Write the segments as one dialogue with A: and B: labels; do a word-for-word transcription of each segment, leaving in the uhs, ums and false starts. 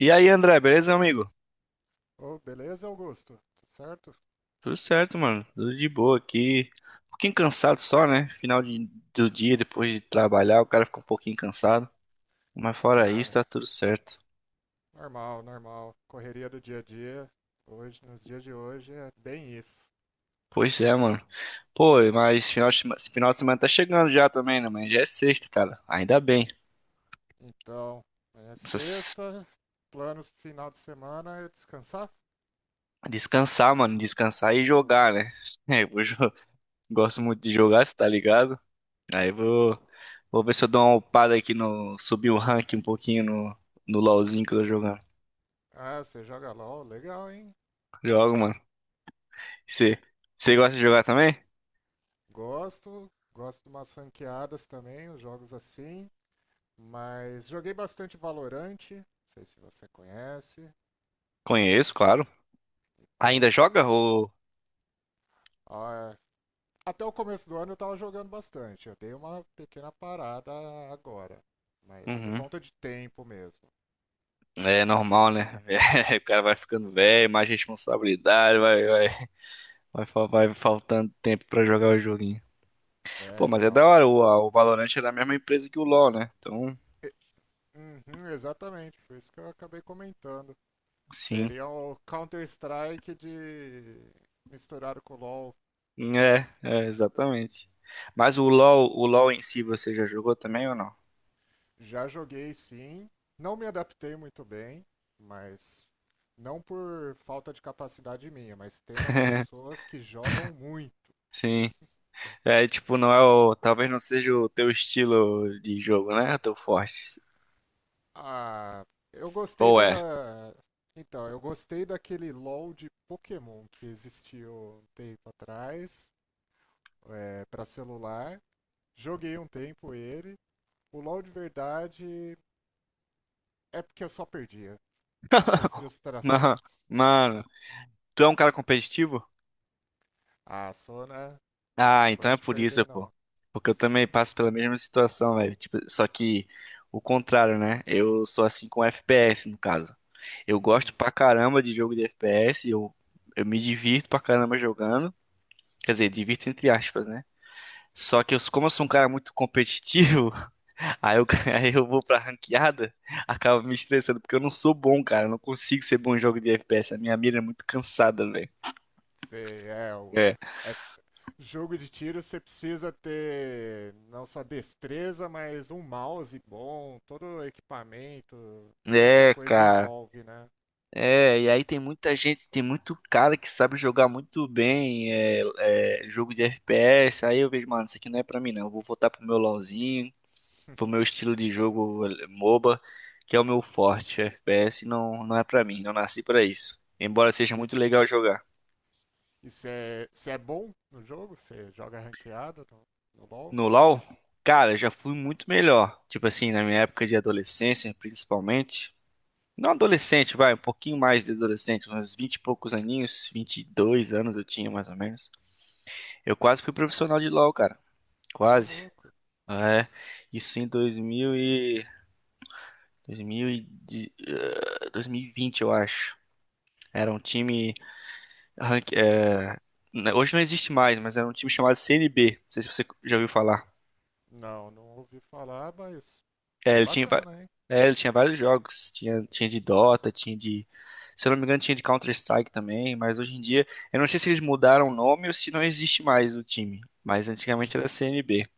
A: E aí, André, beleza, meu amigo?
B: Oh, beleza, Augusto? Tudo certo?
A: Tudo certo, mano. Tudo de boa aqui. Um pouquinho cansado só, né? Final de- do dia, depois de trabalhar, o cara fica um pouquinho cansado. Mas fora isso,
B: Ah,
A: tá tudo certo.
B: normal, normal. Correria do dia a dia. Hoje, nos dias de hoje, é bem isso.
A: Pois é, mano. Pô, mas final de, sema- final de semana tá chegando já também, né, mano? Já é sexta, cara. Ainda bem.
B: Então, é
A: Essas-
B: sexta, planos pro final de semana é descansar.
A: Descansar, mano. Descansar e jogar, né? É, eu vou jo- gosto muito de jogar, você tá ligado? Aí
B: Pô,
A: vou, vou ver se eu dou uma upada aqui no. Subir o rank um pouquinho no, no LOLzinho que eu tô jogando.
B: ah, você joga LOL, legal, hein?
A: Jogo, mano. Você, você gosta de jogar também?
B: Gosto, gosto de umas ranqueadas também, os jogos assim. Mas joguei bastante Valorante, não sei se você conhece.
A: Conheço, claro. Ainda
B: Então,
A: joga ou...
B: ah, até o começo do ano eu tava jogando bastante. Eu dei uma pequena parada agora. Mas por
A: Uhum.
B: conta de tempo mesmo.
A: É normal, né? O cara vai ficando velho, mais responsabilidade, vai, vai, vai, fal- vai faltando tempo pra jogar o joguinho. Pô,
B: Né?
A: mas é
B: Então.
A: da hora, o, a- o Valorant é da mesma empresa que o LoL, né? Então,
B: E- Uhum, exatamente, por isso que eu acabei comentando.
A: sim.
B: Seria o Counter-Strike de misturado com o LoL.
A: É, é, exatamente. Mas o LoL, o LoL em si você já jogou também ou não?
B: Já joguei sim. Não me adaptei muito bem, mas não por falta de capacidade minha, mas tem umas pessoas que jogam muito.
A: Sim. É, tipo, não é o. Talvez não seja o teu estilo de jogo, né? O teu forte.
B: Ah, eu gostei
A: Ou é?
B: da. Então, eu gostei daquele LoL de Pokémon que existiu um tempo atrás, é, para celular. Joguei um tempo ele. O LoL de verdade é porque eu só perdia. Foi frustração.
A: Mano, mano, tu é um cara competitivo?
B: Ah, Sona,
A: Ah,
B: não
A: então é
B: gosto de
A: por isso,
B: perder,
A: pô.
B: não.
A: Porque eu também passo pela mesma situação, velho. Tipo, só que o contrário, né? Eu sou assim com F P S, no caso. Eu gosto pra caramba de jogo de F P S, eu, eu me divirto pra caramba jogando. Quer dizer, divirto entre aspas, né? Só que eu, como eu sou um cara muito competitivo, aí eu, aí eu vou pra ranqueada, acaba me estressando, porque eu não sou bom, cara. Eu não consigo ser bom em jogo de F P S. A minha mira é muito cansada,
B: Você é o.
A: velho.
B: é- Jogo de tiro você precisa ter não só destreza, mas um mouse bom, todo o equipamento, muita
A: É,
B: coisa
A: cara.
B: envolve, né?
A: É, e aí tem muita gente, tem muito cara que sabe jogar muito bem é, é, jogo de F P S. Aí eu vejo, mano, isso aqui não é pra mim, não. Eu vou voltar pro meu LoLzinho, pro meu estilo de jogo eh, moba, que é o meu forte. O F P S não, não é pra mim, não nasci pra isso. Embora seja
B: E
A: muito legal jogar.
B: e você é, você é bom no jogo? Você joga ranqueada no, no LoL?
A: No LoL, cara, eu já fui muito melhor. Tipo assim, na minha época de adolescência, principalmente. Não adolescente, vai, um pouquinho mais de adolescente, uns vinte e poucos aninhos, vinte e dois anos eu tinha mais ou menos. Eu quase fui profissional de LoL, cara.
B: Ô
A: Quase.
B: louco.
A: É, isso em dois mil e dois mil e de- eh, dois mil e vinte, eu acho. Era um time rank- eh, né, hoje não existe mais, mas era um time chamado C N B. Não sei se você já ouviu falar.
B: Não, não ouvi falar, mas
A: É,
B: que
A: ele tinha, va-
B: bacana, hein?
A: é, ele tinha vários jogos. Tinha, tinha de Dota, tinha de. Se eu não me engano, tinha de Counter-Strike também. Mas hoje em dia, eu não sei se eles mudaram o nome ou se não existe mais o time. Mas antigamente era
B: Uhum.
A: C N B.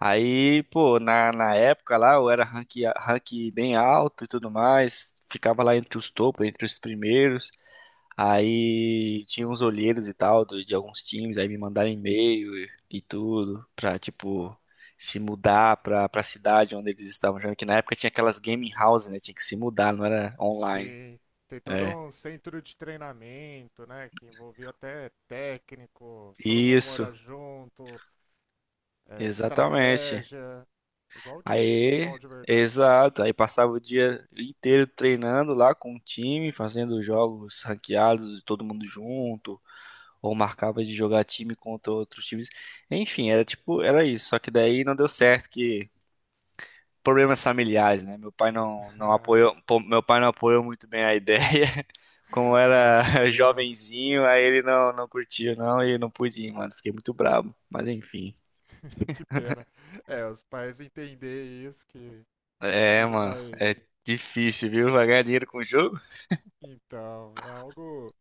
A: Aí, pô, na, na época lá, eu era rank, rank bem alto e tudo mais. Ficava lá entre os topos, entre os primeiros. Aí tinha uns olheiros e tal do- de alguns times, aí me mandaram e-mail e, e tudo pra,
B: Ah,
A: tipo, se mudar pra, pra cidade onde eles estavam jogando, que na época tinha aquelas gaming houses, né? Tinha que se mudar, não era online.
B: sim, tem todo
A: É,
B: um centro de treinamento, né, que envolvia até técnico, todo mundo
A: isso,
B: mora junto, eh,
A: exatamente.
B: estratégia, igual o time de
A: Aí,
B: futebol de verdade.
A: exato, aí passava o dia inteiro treinando lá com o time, fazendo jogos ranqueados, todo mundo junto, ou marcava de jogar time contra outros times. Enfim, era tipo, era isso, só que daí não deu certo que problemas familiares, né? Meu pai não, não apoiou, pô, meu pai não apoiou muito bem a ideia. Como
B: Ah, que
A: era
B: pena,
A: jovenzinho, aí ele não, não curtiu, não, e não pude ir, mano. Fiquei muito brabo. Mas enfim.
B: que pena. É, os pais entender isso, que
A: É,
B: filho
A: mano,
B: vai.
A: é difícil, viu? Vai ganhar dinheiro com o jogo?
B: Então, é algo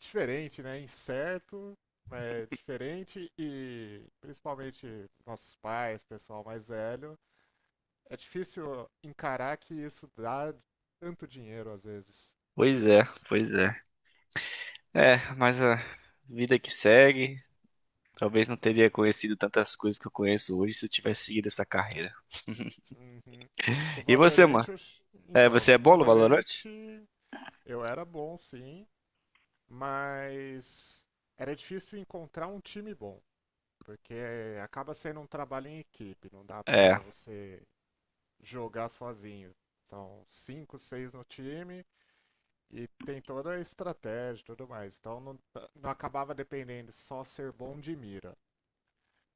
B: diferente, né? Incerto, é diferente e principalmente nossos pais, pessoal mais velho, é difícil encarar que isso dá tanto dinheiro às vezes.
A: Pois é, pois é. É, mas a vida que segue. Talvez não teria conhecido tantas coisas que eu conheço hoje se eu tivesse seguido essa carreira.
B: Uhum. Com o
A: E você, mano?
B: Valorante, eu...
A: É,
B: Então,
A: você é
B: com o
A: bom no Valorant?
B: Valorante eu era bom, sim, mas era difícil encontrar um time bom, porque acaba sendo um trabalho em equipe, não dá
A: É.
B: pra você jogar sozinho. São cinco, seis no time e tem toda a estratégia e tudo mais. Então não, não acabava dependendo só ser bom de mira.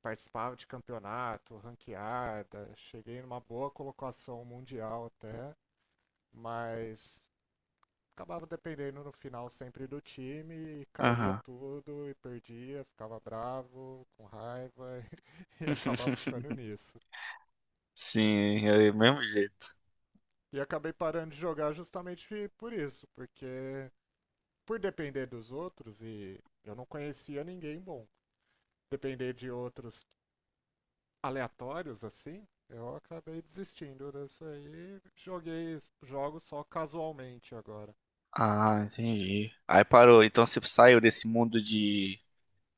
B: Participava de campeonato, ranqueada, cheguei numa boa colocação mundial até, mas acabava dependendo no final sempre do time e caía
A: Aham.
B: tudo e perdia, ficava bravo, com raiva e acabava ficando nisso.
A: Sim, é do mesmo jeito.
B: E acabei parando de jogar justamente por isso, porque por depender dos outros e eu não conhecia ninguém bom. Depender de outros aleatórios assim, eu acabei desistindo disso aí. Joguei jogos só casualmente agora.
A: Ah, entendi. Aí parou. Então você saiu desse mundo de,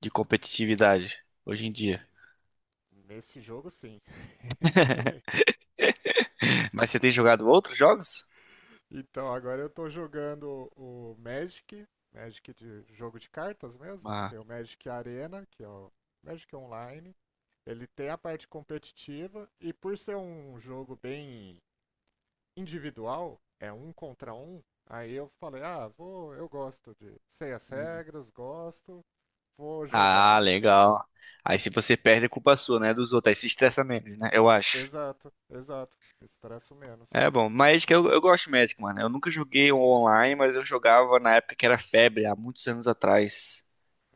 A: de competitividade hoje em dia.
B: Nesse jogo, sim.
A: Mas você tem jogado outros jogos?
B: Então agora eu tô jogando o Magic, Magic de jogo de cartas mesmo.
A: Ah,
B: Tem o Magic Arena, que é o Magic Online. Ele tem a parte competitiva e por ser um jogo bem individual, é um contra um. Aí eu falei, ah, vou, eu gosto de, sei as
A: hum.
B: regras, gosto, vou jogar
A: Ah,
B: isso.
A: legal. Aí se você perde, é culpa sua, né? Dos outros. Aí se estressa menos, né? Eu acho.
B: Exato, exato. Estresso
A: É
B: menos.
A: bom. Magic, eu, eu gosto de Magic, mano. Eu nunca joguei online, mas eu jogava na época que era febre, há muitos anos atrás.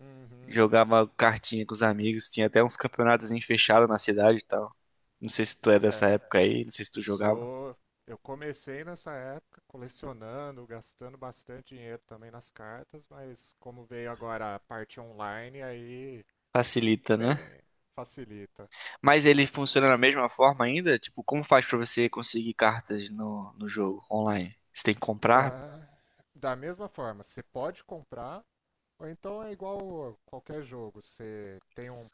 B: Uhum.
A: Jogava cartinha com os amigos. Tinha até uns campeonatos fechados na cidade e tal. Não sei se tu é dessa
B: É,
A: época aí. Não sei se tu jogava.
B: sou. Eu comecei nessa época colecionando, gastando bastante dinheiro também nas cartas, mas como veio agora a parte online, aí
A: Facilita, né?
B: é, facilita.
A: Mas ele funciona da mesma forma ainda? Tipo, como faz pra você conseguir cartas no, no jogo online? Você tem que comprar?
B: Da, da mesma forma, você pode comprar, ou então é igual qualquer jogo, você tem um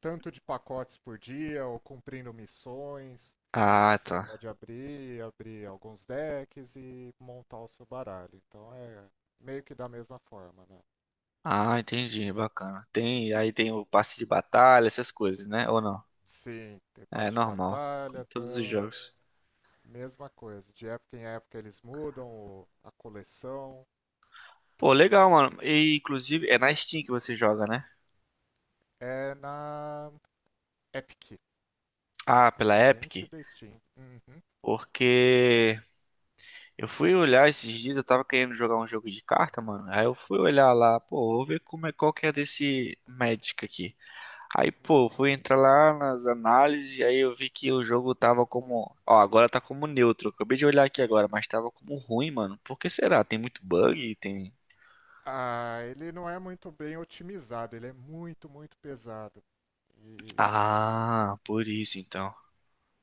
B: tanto de pacotes por dia, ou cumprindo missões,
A: Ah,
B: que você
A: tá.
B: pode abrir, abrir alguns decks e montar o seu baralho. Então é meio que da mesma forma, né?
A: Ah, entendi, bacana. Tem, aí tem o passe de batalha, essas coisas, né? Ou não?
B: Sim, tem
A: É
B: passe de
A: normal, como
B: batalha, então
A: todos os
B: é a
A: jogos.
B: mesma coisa. De época em época eles mudam o- a coleção.
A: Pô, legal, mano. E inclusive é na Steam que você joga, né?
B: É na Epic,
A: Ah, pela
B: concorrente
A: Epic?
B: da Steam. Uhum.
A: Porque eu fui olhar esses dias, eu tava querendo jogar um jogo de carta, mano. Aí eu fui olhar lá, pô, vou ver como é qual que é desse Magic aqui. Aí, pô, eu
B: Uhum.
A: fui entrar lá nas análises, aí eu vi que o jogo tava como. Ó, agora tá como neutro. Acabei de olhar aqui agora, mas tava como ruim, mano. Por que será? Tem muito bug? Tem.
B: Ah, ele não é muito bem otimizado, ele é muito, muito pesado. E,
A: Ah, por isso então.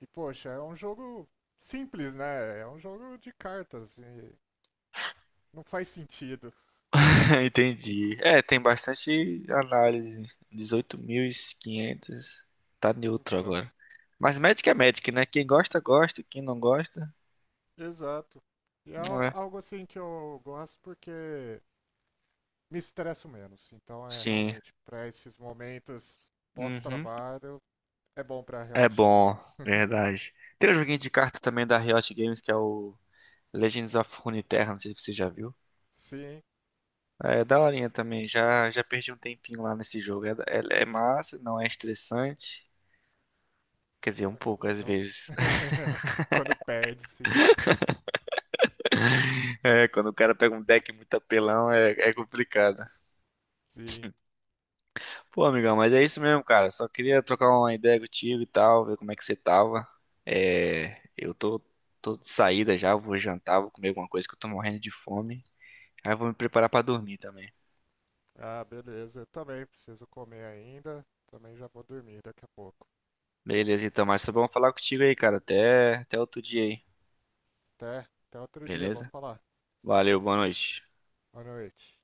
B: e, poxa, é um jogo simples, né? É um jogo de cartas. E não faz sentido.
A: Entendi. É, tem bastante análise. Dezoito mil e quinhentos. Tá neutro
B: Então,
A: agora. Mas Magic é Magic, né? Quem gosta, gosta. Quem não gosta,
B: exato. E é
A: não
B: al-
A: é.
B: algo assim que eu gosto porque me estresso menos. Então, é
A: Sim.
B: realmente para esses momentos
A: Uhum.
B: pós-trabalho é bom para
A: É
B: relaxar.
A: bom, verdade. Tem um joguinho de carta também da Riot Games que é o. Legends of Runeterra, não sei se você já viu.
B: Sim,
A: É daorinha também, já, já perdi um tempinho lá nesse jogo. É, é, é massa, não é estressante. Quer dizer, um
B: ah, que
A: pouco às
B: legal.
A: vezes.
B: Quando perde sempre.
A: É, quando o cara pega um deck muito apelão, é, é complicado.
B: Sim.
A: Pô, amigão, mas é isso mesmo, cara. Só queria trocar uma ideia contigo e tal, ver como é que você tava. É, eu tô, tô de saída já, vou jantar, vou comer alguma coisa que eu tô morrendo de fome. Aí eu vou me preparar pra dormir também.
B: Ah, beleza. Eu também preciso comer ainda. Também já vou dormir daqui a pouco.
A: Beleza, então, mas só vamos falar contigo aí, cara. Até, até outro dia aí,
B: Até, até outro dia, vamos
A: beleza?
B: falar.
A: Valeu, boa noite.
B: Boa noite.